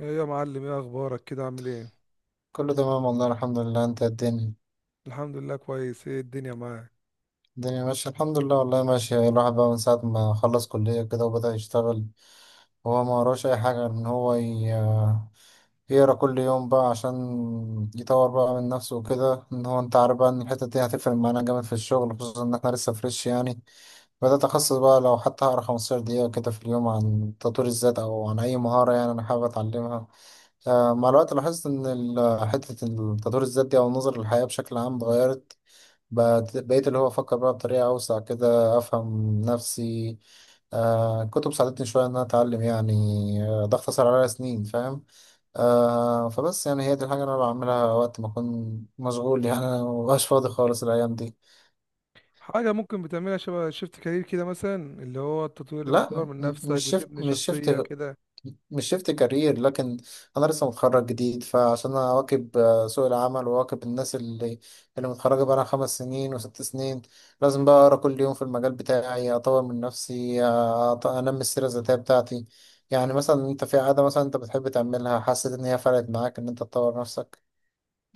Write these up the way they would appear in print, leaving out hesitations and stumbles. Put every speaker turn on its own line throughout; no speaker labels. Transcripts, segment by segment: ايه يا معلم، ايه اخبارك؟ كده عامل ايه؟
كله تمام والله الحمد لله، انت الدنيا
الحمد لله كويس. ايه الدنيا معاك؟
الدنيا ماشية الحمد لله والله ماشية. الواحد بقى من ساعة ما خلص كلية كده وبدأ يشتغل. هو ما وراش أي حاجة إن هو يقرا كل يوم بقى عشان يطور بقى من نفسه وكده، إن هو أنت عارف بقى إن الحتة دي هتفرق معانا جامد في الشغل، خصوصا إن إحنا لسه فريش يعني. بدأت أخصص بقى لو حتى هقرا 15 دقيقة كده في اليوم عن تطوير الذات أو عن أي مهارة يعني أنا حابب أتعلمها. مع الوقت لاحظت إن حتة تطوير الذات دي أو النظر للحياة بشكل عام اتغيرت. بقيت اللي هو أفكر بقى بطريقة أوسع كده، أفهم نفسي. كتب ساعدتني شوية إن أنا أتعلم يعني. ده اختصر عليا سنين، فاهم. فبس يعني هي دي الحاجة اللي أنا بعملها وقت ما أكون مشغول يعني أنا مبقاش فاضي خالص الأيام دي.
حاجة ممكن بتعملها شبه شيفت كارير كده، مثلا اللي هو التطوير
لا،
بتدور من نفسك، بتبني شخصية كده.
مش شفت كارير، لكن انا لسه متخرج جديد، فعشان اواكب سوق العمل واواكب الناس اللي متخرجه بقى 5 سنين وست سنين. لازم بقى اقرا كل يوم في المجال بتاعي، اطور من نفسي، انمي السيره الذاتيه بتاعتي. يعني مثلا انت في عاده مثلا انت بتحب تعملها حسيت ان هي فرقت معاك ان انت تطور نفسك؟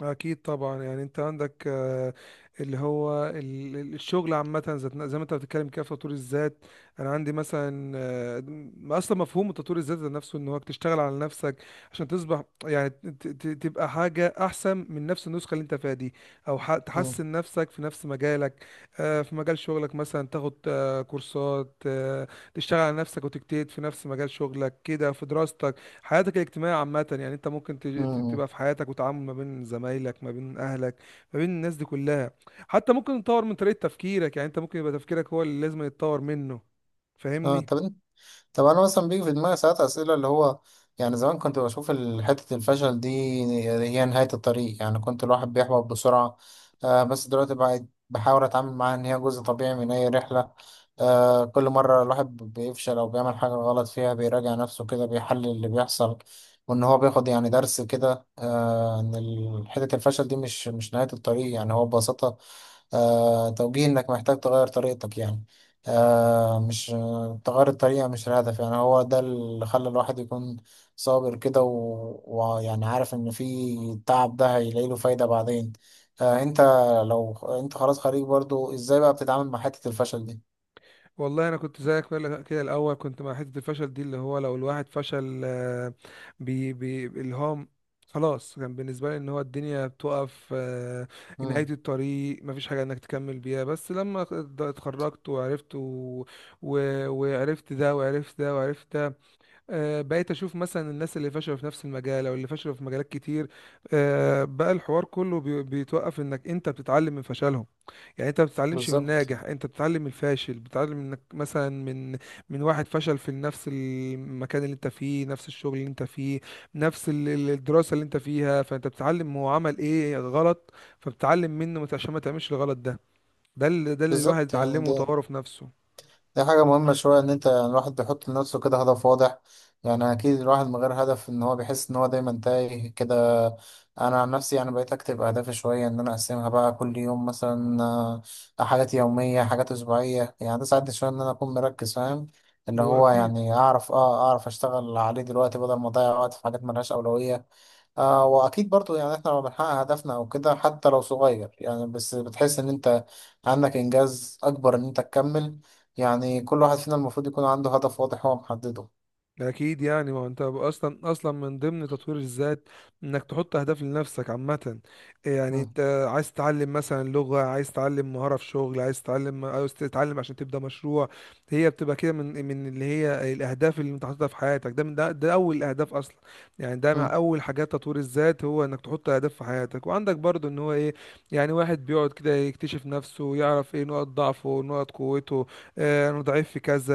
أكيد طبعا. يعني أنت عندك، اللي هو ال- ال- الشغل عامة، زي ما أنت بتتكلم كده في تطوير الذات. أنا عندي مثلا، أصلا مفهوم تطوير الذات ذات نفسه إن هو تشتغل على نفسك عشان تصبح، يعني تبقى حاجة أحسن من نفس النسخة اللي أنت فيها دي، أو
امم.
تحسن نفسك في نفس مجالك. في مجال شغلك مثلا تاخد كورسات، تشتغل على نفسك وتجتهد في نفس مجال شغلك، كده في دراستك، حياتك الاجتماعية عامة. يعني انت ممكن
امم.
تبقى في حياتك وتعامل ما بين زمايلك، ما بين اهلك، ما بين الناس دي كلها. حتى ممكن تطور من طريقة تفكيرك. يعني انت ممكن يبقى تفكيرك هو اللي لازم يتطور منه.
اه.
فاهمني؟
طب انا مثلا بيجي في دماغي ساعات اسئله اللي هو يعني زمان كنت بشوف حته الفشل دي هي نهايه الطريق، يعني كنت الواحد بيحبط بسرعه. بس دلوقتي بقيت بحاول اتعامل معاها ان هي جزء طبيعي من اي رحله. كل مره الواحد بيفشل او بيعمل حاجه غلط فيها بيراجع نفسه كده، بيحلل اللي بيحصل، وان هو بياخد يعني درس كده. ان حته الفشل دي مش نهايه الطريق، يعني هو ببساطه توجيه انك محتاج تغير طريقتك يعني. مش تغير الطريقة مش الهدف، يعني هو ده اللي خلى الواحد يكون صابر كده ويعني عارف إن في التعب ده هيلاقي له فايدة بعدين. آه أنت لو أنت خلاص خريج برضو، إزاي بقى بتتعامل مع حتة الفشل دي؟
والله انا كنت زيك كده. كده الاول كنت مع حتة الفشل دي، اللي هو لو الواحد فشل، بي بي اللي هو خلاص كان بالنسبة لي ان هو الدنيا بتقف، نهاية
مم.
الطريق، مفيش حاجة انك تكمل بيها. بس لما اتخرجت وعرفت و... وعرفت ده وعرفت ده وعرفت ده، بقيت اشوف مثلا الناس اللي فشلوا في نفس المجال، او اللي فشلوا في مجالات كتير. بقى الحوار كله بيتوقف انك انت بتتعلم من فشلهم. يعني انت ما بتتعلمش من
بالظبط.
ناجح، انت بتتعلم من الفاشل. بتتعلم انك مثلا من واحد فشل في نفس المكان اللي انت فيه، نفس الشغل اللي انت فيه، نفس الدراسة اللي انت فيها. فانت بتتعلم هو عمل ايه غلط، فبتتعلم منه عشان ما تعملش الغلط ده. ده اللي الواحد
بالظبط، يعني
اتعلمه
ده
وطوره في نفسه.
دي حاجة مهمة شوية إن أنت يعني الواحد بيحط لنفسه كده هدف واضح. يعني أكيد الواحد من غير هدف إن هو بيحس إن هو دايما تايه كده. أنا عن نفسي يعني بقيت أكتب أهدافي شوية إن أنا أقسمها بقى كل يوم مثلا، حاجات يومية، حاجات أسبوعية. يعني ده ساعدني شوية إن أنا أكون مركز، فاهم؟ اللي
هو
هو
أكيد.
يعني أعرف أه أعرف أشتغل عليه دلوقتي بدل ما أضيع وقت في حاجات ملهاش أولوية. واكيد برضو يعني احنا لما بنحقق هدفنا او كده حتى لو صغير يعني، بس بتحس ان انت عندك انجاز اكبر ان انت تكمل. يعني كل واحد فينا المفروض يكون عنده هدف واضح هو محدده.
اكيد يعني ما هو انت اصلا من ضمن تطوير الذات انك تحط اهداف لنفسك عامه. يعني
مم.
انت عايز تتعلم مثلا لغه، عايز تتعلم مهاره في شغل، عايز تتعلم عشان تبدا مشروع. هي بتبقى كده، من من اللي هي الاهداف اللي انت حاططها في حياتك. ده من ده، ده اول الاهداف اصلا. يعني ده مع
مم.
اول حاجات تطوير الذات، هو انك تحط اهداف في حياتك. وعندك برضو ان هو ايه، يعني واحد بيقعد كده يكتشف نفسه، يعرف ايه نقط ضعفه، نقط قوته. آه انا ضعيف في كذا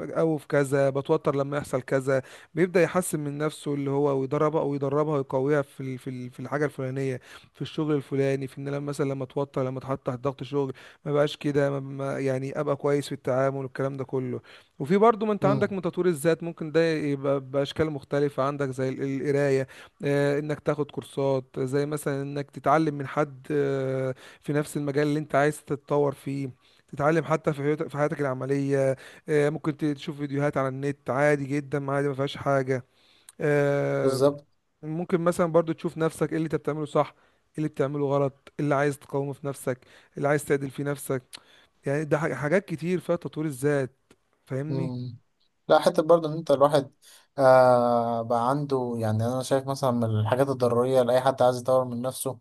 او في كذا، بتوتر لما يحصل كذا. بيبدأ يحسن من نفسه اللي هو، ويدربها ويدربها ويقويها في في الحاجة الفلانية، في الشغل الفلاني. في ان لما مثلا لما اتحط تحت ضغط شغل، ما بقاش كده، يعني ابقى كويس في التعامل والكلام ده كله. وفي برضو ما انت عندك
مم.
من تطوير الذات، ممكن ده يبقى باشكال مختلفة عندك، زي القراية، انك تاخد كورسات، زي مثلا انك تتعلم من حد، في نفس المجال اللي انت عايز تتطور فيه. تتعلم حتى في في حياتك العملية. ممكن تشوف فيديوهات على النت، عادي جدا، عادي ما فيهاش حاجة. آه،
بالظبط.
ممكن مثلا برضو تشوف نفسك ايه اللي انت بتعمله صح، ايه اللي بتعمله غلط، ايه اللي عايز تقاومه في نفسك، ايه اللي عايز تعدل في نفسك. يعني ده حاجات كتير فيها تطوير الذات. فاهمني؟
مم. لا، حتى برضه ان انت الواحد بقى عنده، يعني انا شايف مثلا من الحاجات الضرورية لأي حد عايز يطور من نفسه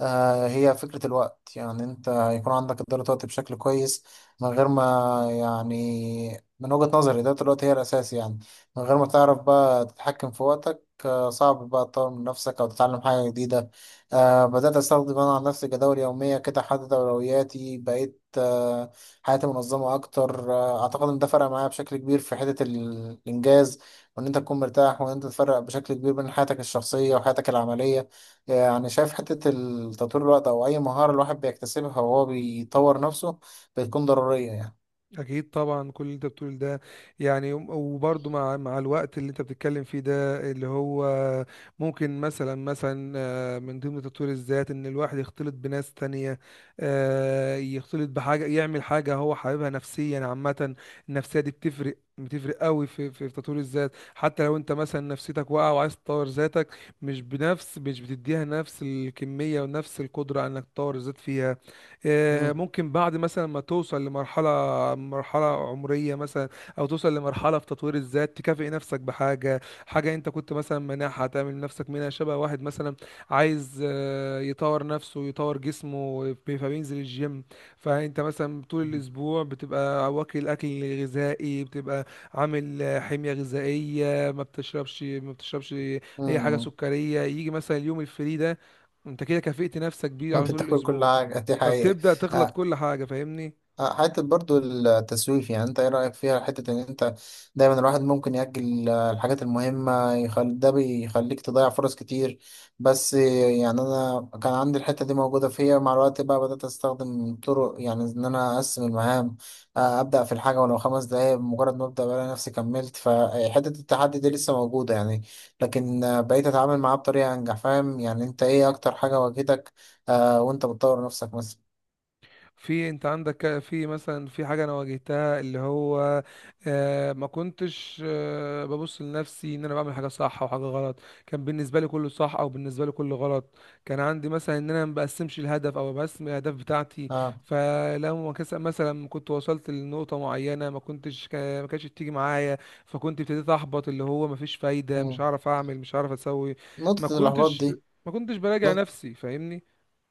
هي فكرة الوقت. يعني انت يكون عندك إدارة وقت بشكل كويس من غير ما يعني، من وجهة نظري إدارة الوقت هي الأساس يعني. من غير ما تعرف بقى تتحكم في وقتك صعب بقى تطور من نفسك أو تتعلم حاجة جديدة. بدأت أستخدم أنا عن نفسي جداول يومية كده، أحدد أولوياتي، بقيت حياتي منظمة أكتر. أعتقد إن ده فرق معايا بشكل كبير في حتة الإنجاز، وإن أنت تكون مرتاح وإن أنت تفرق بشكل كبير بين حياتك الشخصية وحياتك العملية. يعني شايف حتة تطوير الوقت أو أي مهارة الواحد بيكتسبها وهو بيطور نفسه بتكون ضرورية يعني.
اكيد طبعا كل اللي انت بتقول ده. يعني وبرضه مع الوقت اللي انت بتتكلم فيه ده اللي هو، ممكن مثلا من ضمن تطوير الذات ان الواحد يختلط بناس تانية، يختلط بحاجة، يعمل حاجة هو حاببها، نفسيا عامة. النفسية دي بتفرق قوي في تطوير الذات. حتى لو انت مثلا نفسيتك واقعه وعايز تطور ذاتك، مش بتديها نفس الكميه ونفس القدره انك تطور الذات فيها.
مم.
ممكن بعد مثلا ما توصل لمرحلة، مرحلة عمرية مثلا، أو توصل لمرحلة في تطوير الذات تكافئ نفسك بحاجة، حاجة أنت كنت مثلا مانعها، تعمل نفسك منها شبه واحد مثلا عايز، يطور نفسه، يطور جسمه فبينزل الجيم. فأنت مثلا طول الأسبوع بتبقى واكل أكل غذائي، بتبقى عامل حمية غذائية، ما بتشربش ما بتشربش أي حاجة
مم.
سكرية. يجي مثلا اليوم الفري ده، أنت كده كافئت نفسك بيه على طول
بتاكل كل
الأسبوع،
حاجة دي حقيقة.
فبتبدأ تخلط
آه،
كل حاجة. فاهمني؟
حتة برضو التسويف، يعني انت ايه رأيك فيها؟ حتة ان انت دايما الواحد ممكن يأجل الحاجات المهمة، ده بيخليك تضيع فرص كتير، بس يعني انا كان عندي الحتة دي موجودة فيا. مع الوقت بقى بدأت استخدم طرق يعني ان انا اقسم المهام، ابدأ في الحاجة ولو 5 دقايق. بمجرد ما ابدأ بلاقي نفسي كملت، فحتة التحدي دي لسه موجودة يعني، لكن بقيت اتعامل معاه بطريقة انجح، فاهم؟ يعني انت ايه اكتر حاجة واجهتك وانت بتطور نفسك مثلا؟
في انت عندك في مثلا في حاجة انا واجهتها اللي هو، ما كنتش ببص لنفسي ان انا بعمل حاجة صح او حاجة غلط. كان بالنسبة لي كله صح، او بالنسبة لي كله غلط. كان عندي مثلا ان انا ما بقسمش الهدف او بقسم الاهداف بتاعتي.
اه.
فلما مثلا كنت وصلت لنقطة معينة، ما كنتش ما كانتش بتيجي معايا. فكنت ابتديت احبط، اللي هو ما فيش فايدة، مش
مم.
هعرف اعمل، مش هعرف اسوي. ما
نقطة الإحباط
كنتش
دي.
ما كنتش براجع
نق-
نفسي. فاهمني؟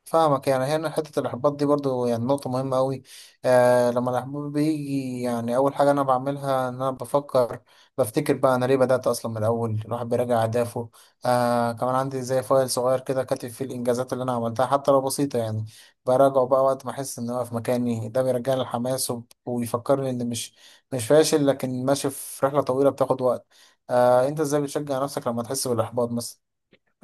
فاهمك، يعني هنا حتة الإحباط دي برضو يعني نقطة مهمة أوي. لما الإحباط بيجي يعني أول حاجة أنا بعملها إن أنا بفكر، بفتكر بقى أنا ليه بدأت أصلا من الأول. الواحد بيراجع أهدافه. كمان عندي زي فايل صغير كده كاتب فيه الإنجازات اللي أنا عملتها حتى لو بسيطة يعني، براجعه بقى وقت ما أحس إن أنا في مكاني. ده بيرجعني الحماس ويفكرني إن مش فاشل، لكن ماشي في رحلة طويلة بتاخد وقت. أنت إزاي بتشجع نفسك لما تحس بالإحباط مثلا؟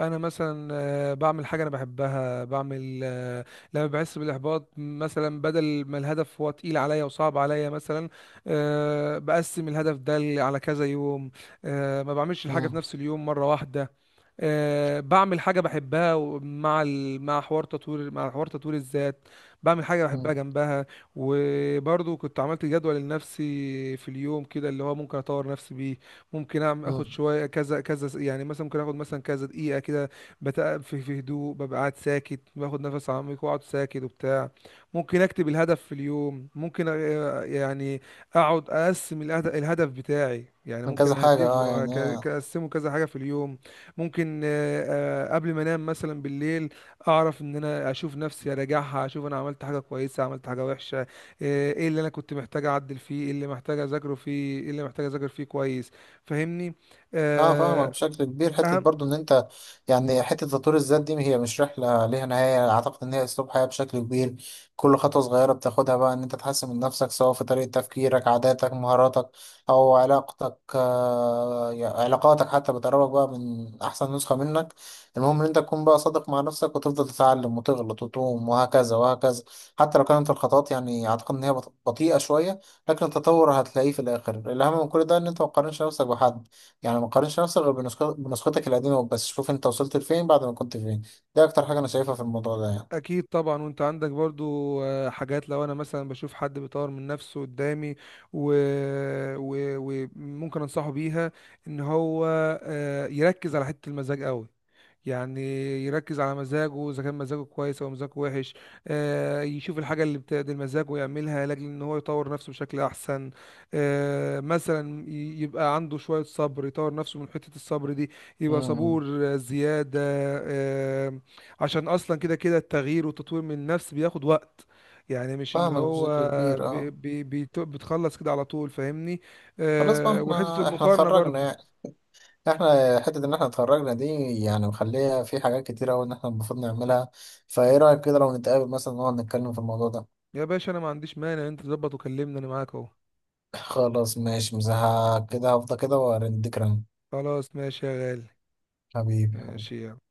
انا مثلا بعمل حاجه انا بحبها. بعمل آه، لما بحس بالاحباط مثلا، بدل ما الهدف هو تقيل عليا وصعب عليا مثلا، بقسم الهدف ده على كذا يوم. ما بعملش الحاجه في
مم.
نفس اليوم مره واحده. بعمل حاجه بحبها مع حوار تطوير، مع حوار تطوير الذات. بعمل حاجه بحبها
مم.
جنبها. وبرضو كنت عملت جدول لنفسي في اليوم كده، اللي هو ممكن اطور نفسي بيه. ممكن اعمل، اخد
مم.
شويه كذا كذا، يعني مثلا ممكن اخد مثلا كذا دقيقه كده، بتقف في هدوء، ببقى قاعد ساكت، باخد نفس عميق، واقعد ساكت وبتاع. ممكن اكتب الهدف في اليوم، ممكن يعني اقعد اقسم الهدف بتاعي. يعني
من
ممكن
كذا حاجة، اه.
اهدفه،
يعني هي
اقسمه كذا حاجه في اليوم. ممكن قبل ما انام مثلا بالليل، اعرف ان انا اشوف نفسي، اراجعها، اشوف انا عملت حاجه كويسه، عملت حاجه وحشه. ايه اللي انا كنت محتاج اعدل فيه، ايه اللي محتاج اذاكره فيه، ايه اللي محتاج اذاكر فيه كويس. فاهمني؟
اه، فاهمك
آه،
بشكل كبير. حته
اهم
برضو ان انت يعني، حته تطوير الذات دي هي مش رحله ليها نهايه، اعتقد ان هي اسلوب حياه بشكل كبير. كل خطوه صغيره بتاخدها بقى ان انت تحسن من نفسك سواء في طريقه تفكيرك، عاداتك، مهاراتك، او علاقتك، يعني علاقاتك حتى بتقربك بقى من احسن نسخه منك. المهم ان انت تكون بقى صادق مع نفسك وتفضل تتعلم وتغلط وتقوم، وهكذا وهكذا، حتى لو كانت الخطوات يعني اعتقد ان هي بطيئه شويه. لكن التطور هتلاقيه في الاخر. الاهم من كل ده ان انت ما تقارنش نفسك بحد، يعني ما تقارنش نفسك غير بنسختك القديمة، بس شوف انت وصلت لفين بعد ما كنت فين. ده اكتر حاجة انا شايفها في الموضوع ده يعني.
اكيد طبعا. وانت عندك برضو حاجات، لو انا مثلا بشوف حد بيطور من نفسه قدامي و... و... وممكن انصحه بيها، ان هو يركز على حتة المزاج قوي. يعني يركز على مزاجه اذا كان مزاجه كويس او مزاجه وحش. يشوف الحاجه اللي بتعدل مزاجه ويعملها، لاجل ان هو يطور نفسه بشكل احسن. مثلا يبقى عنده شويه صبر، يطور نفسه من حته الصبر دي، يبقى
امم.
صبور زياده، آه، عشان اصلا كده كده التغيير والتطوير من النفس بياخد وقت. يعني مش اللي
فاهمك
هو
بشكل كبير، اه.
بتخلص كده على طول. فاهمني؟
خلاص بقى،
وحته
احنا
المقارنه
اتخرجنا
برضو.
يعني، احنا حتة ان احنا اتخرجنا دي يعني مخليها في حاجات كتيرة اوي ان احنا المفروض نعملها. فايه رأيك كده لو نتقابل مثلا نقعد نتكلم في الموضوع ده؟
يا باشا انا ما عنديش مانع، انت تظبط وكلمني، انا معاك اهو.
خلاص ماشي، مش كده هفضل كده وارن ذكرى.
خلاص ماشي يا غالي.
حبيبي حبيبي.
ماشي يلا.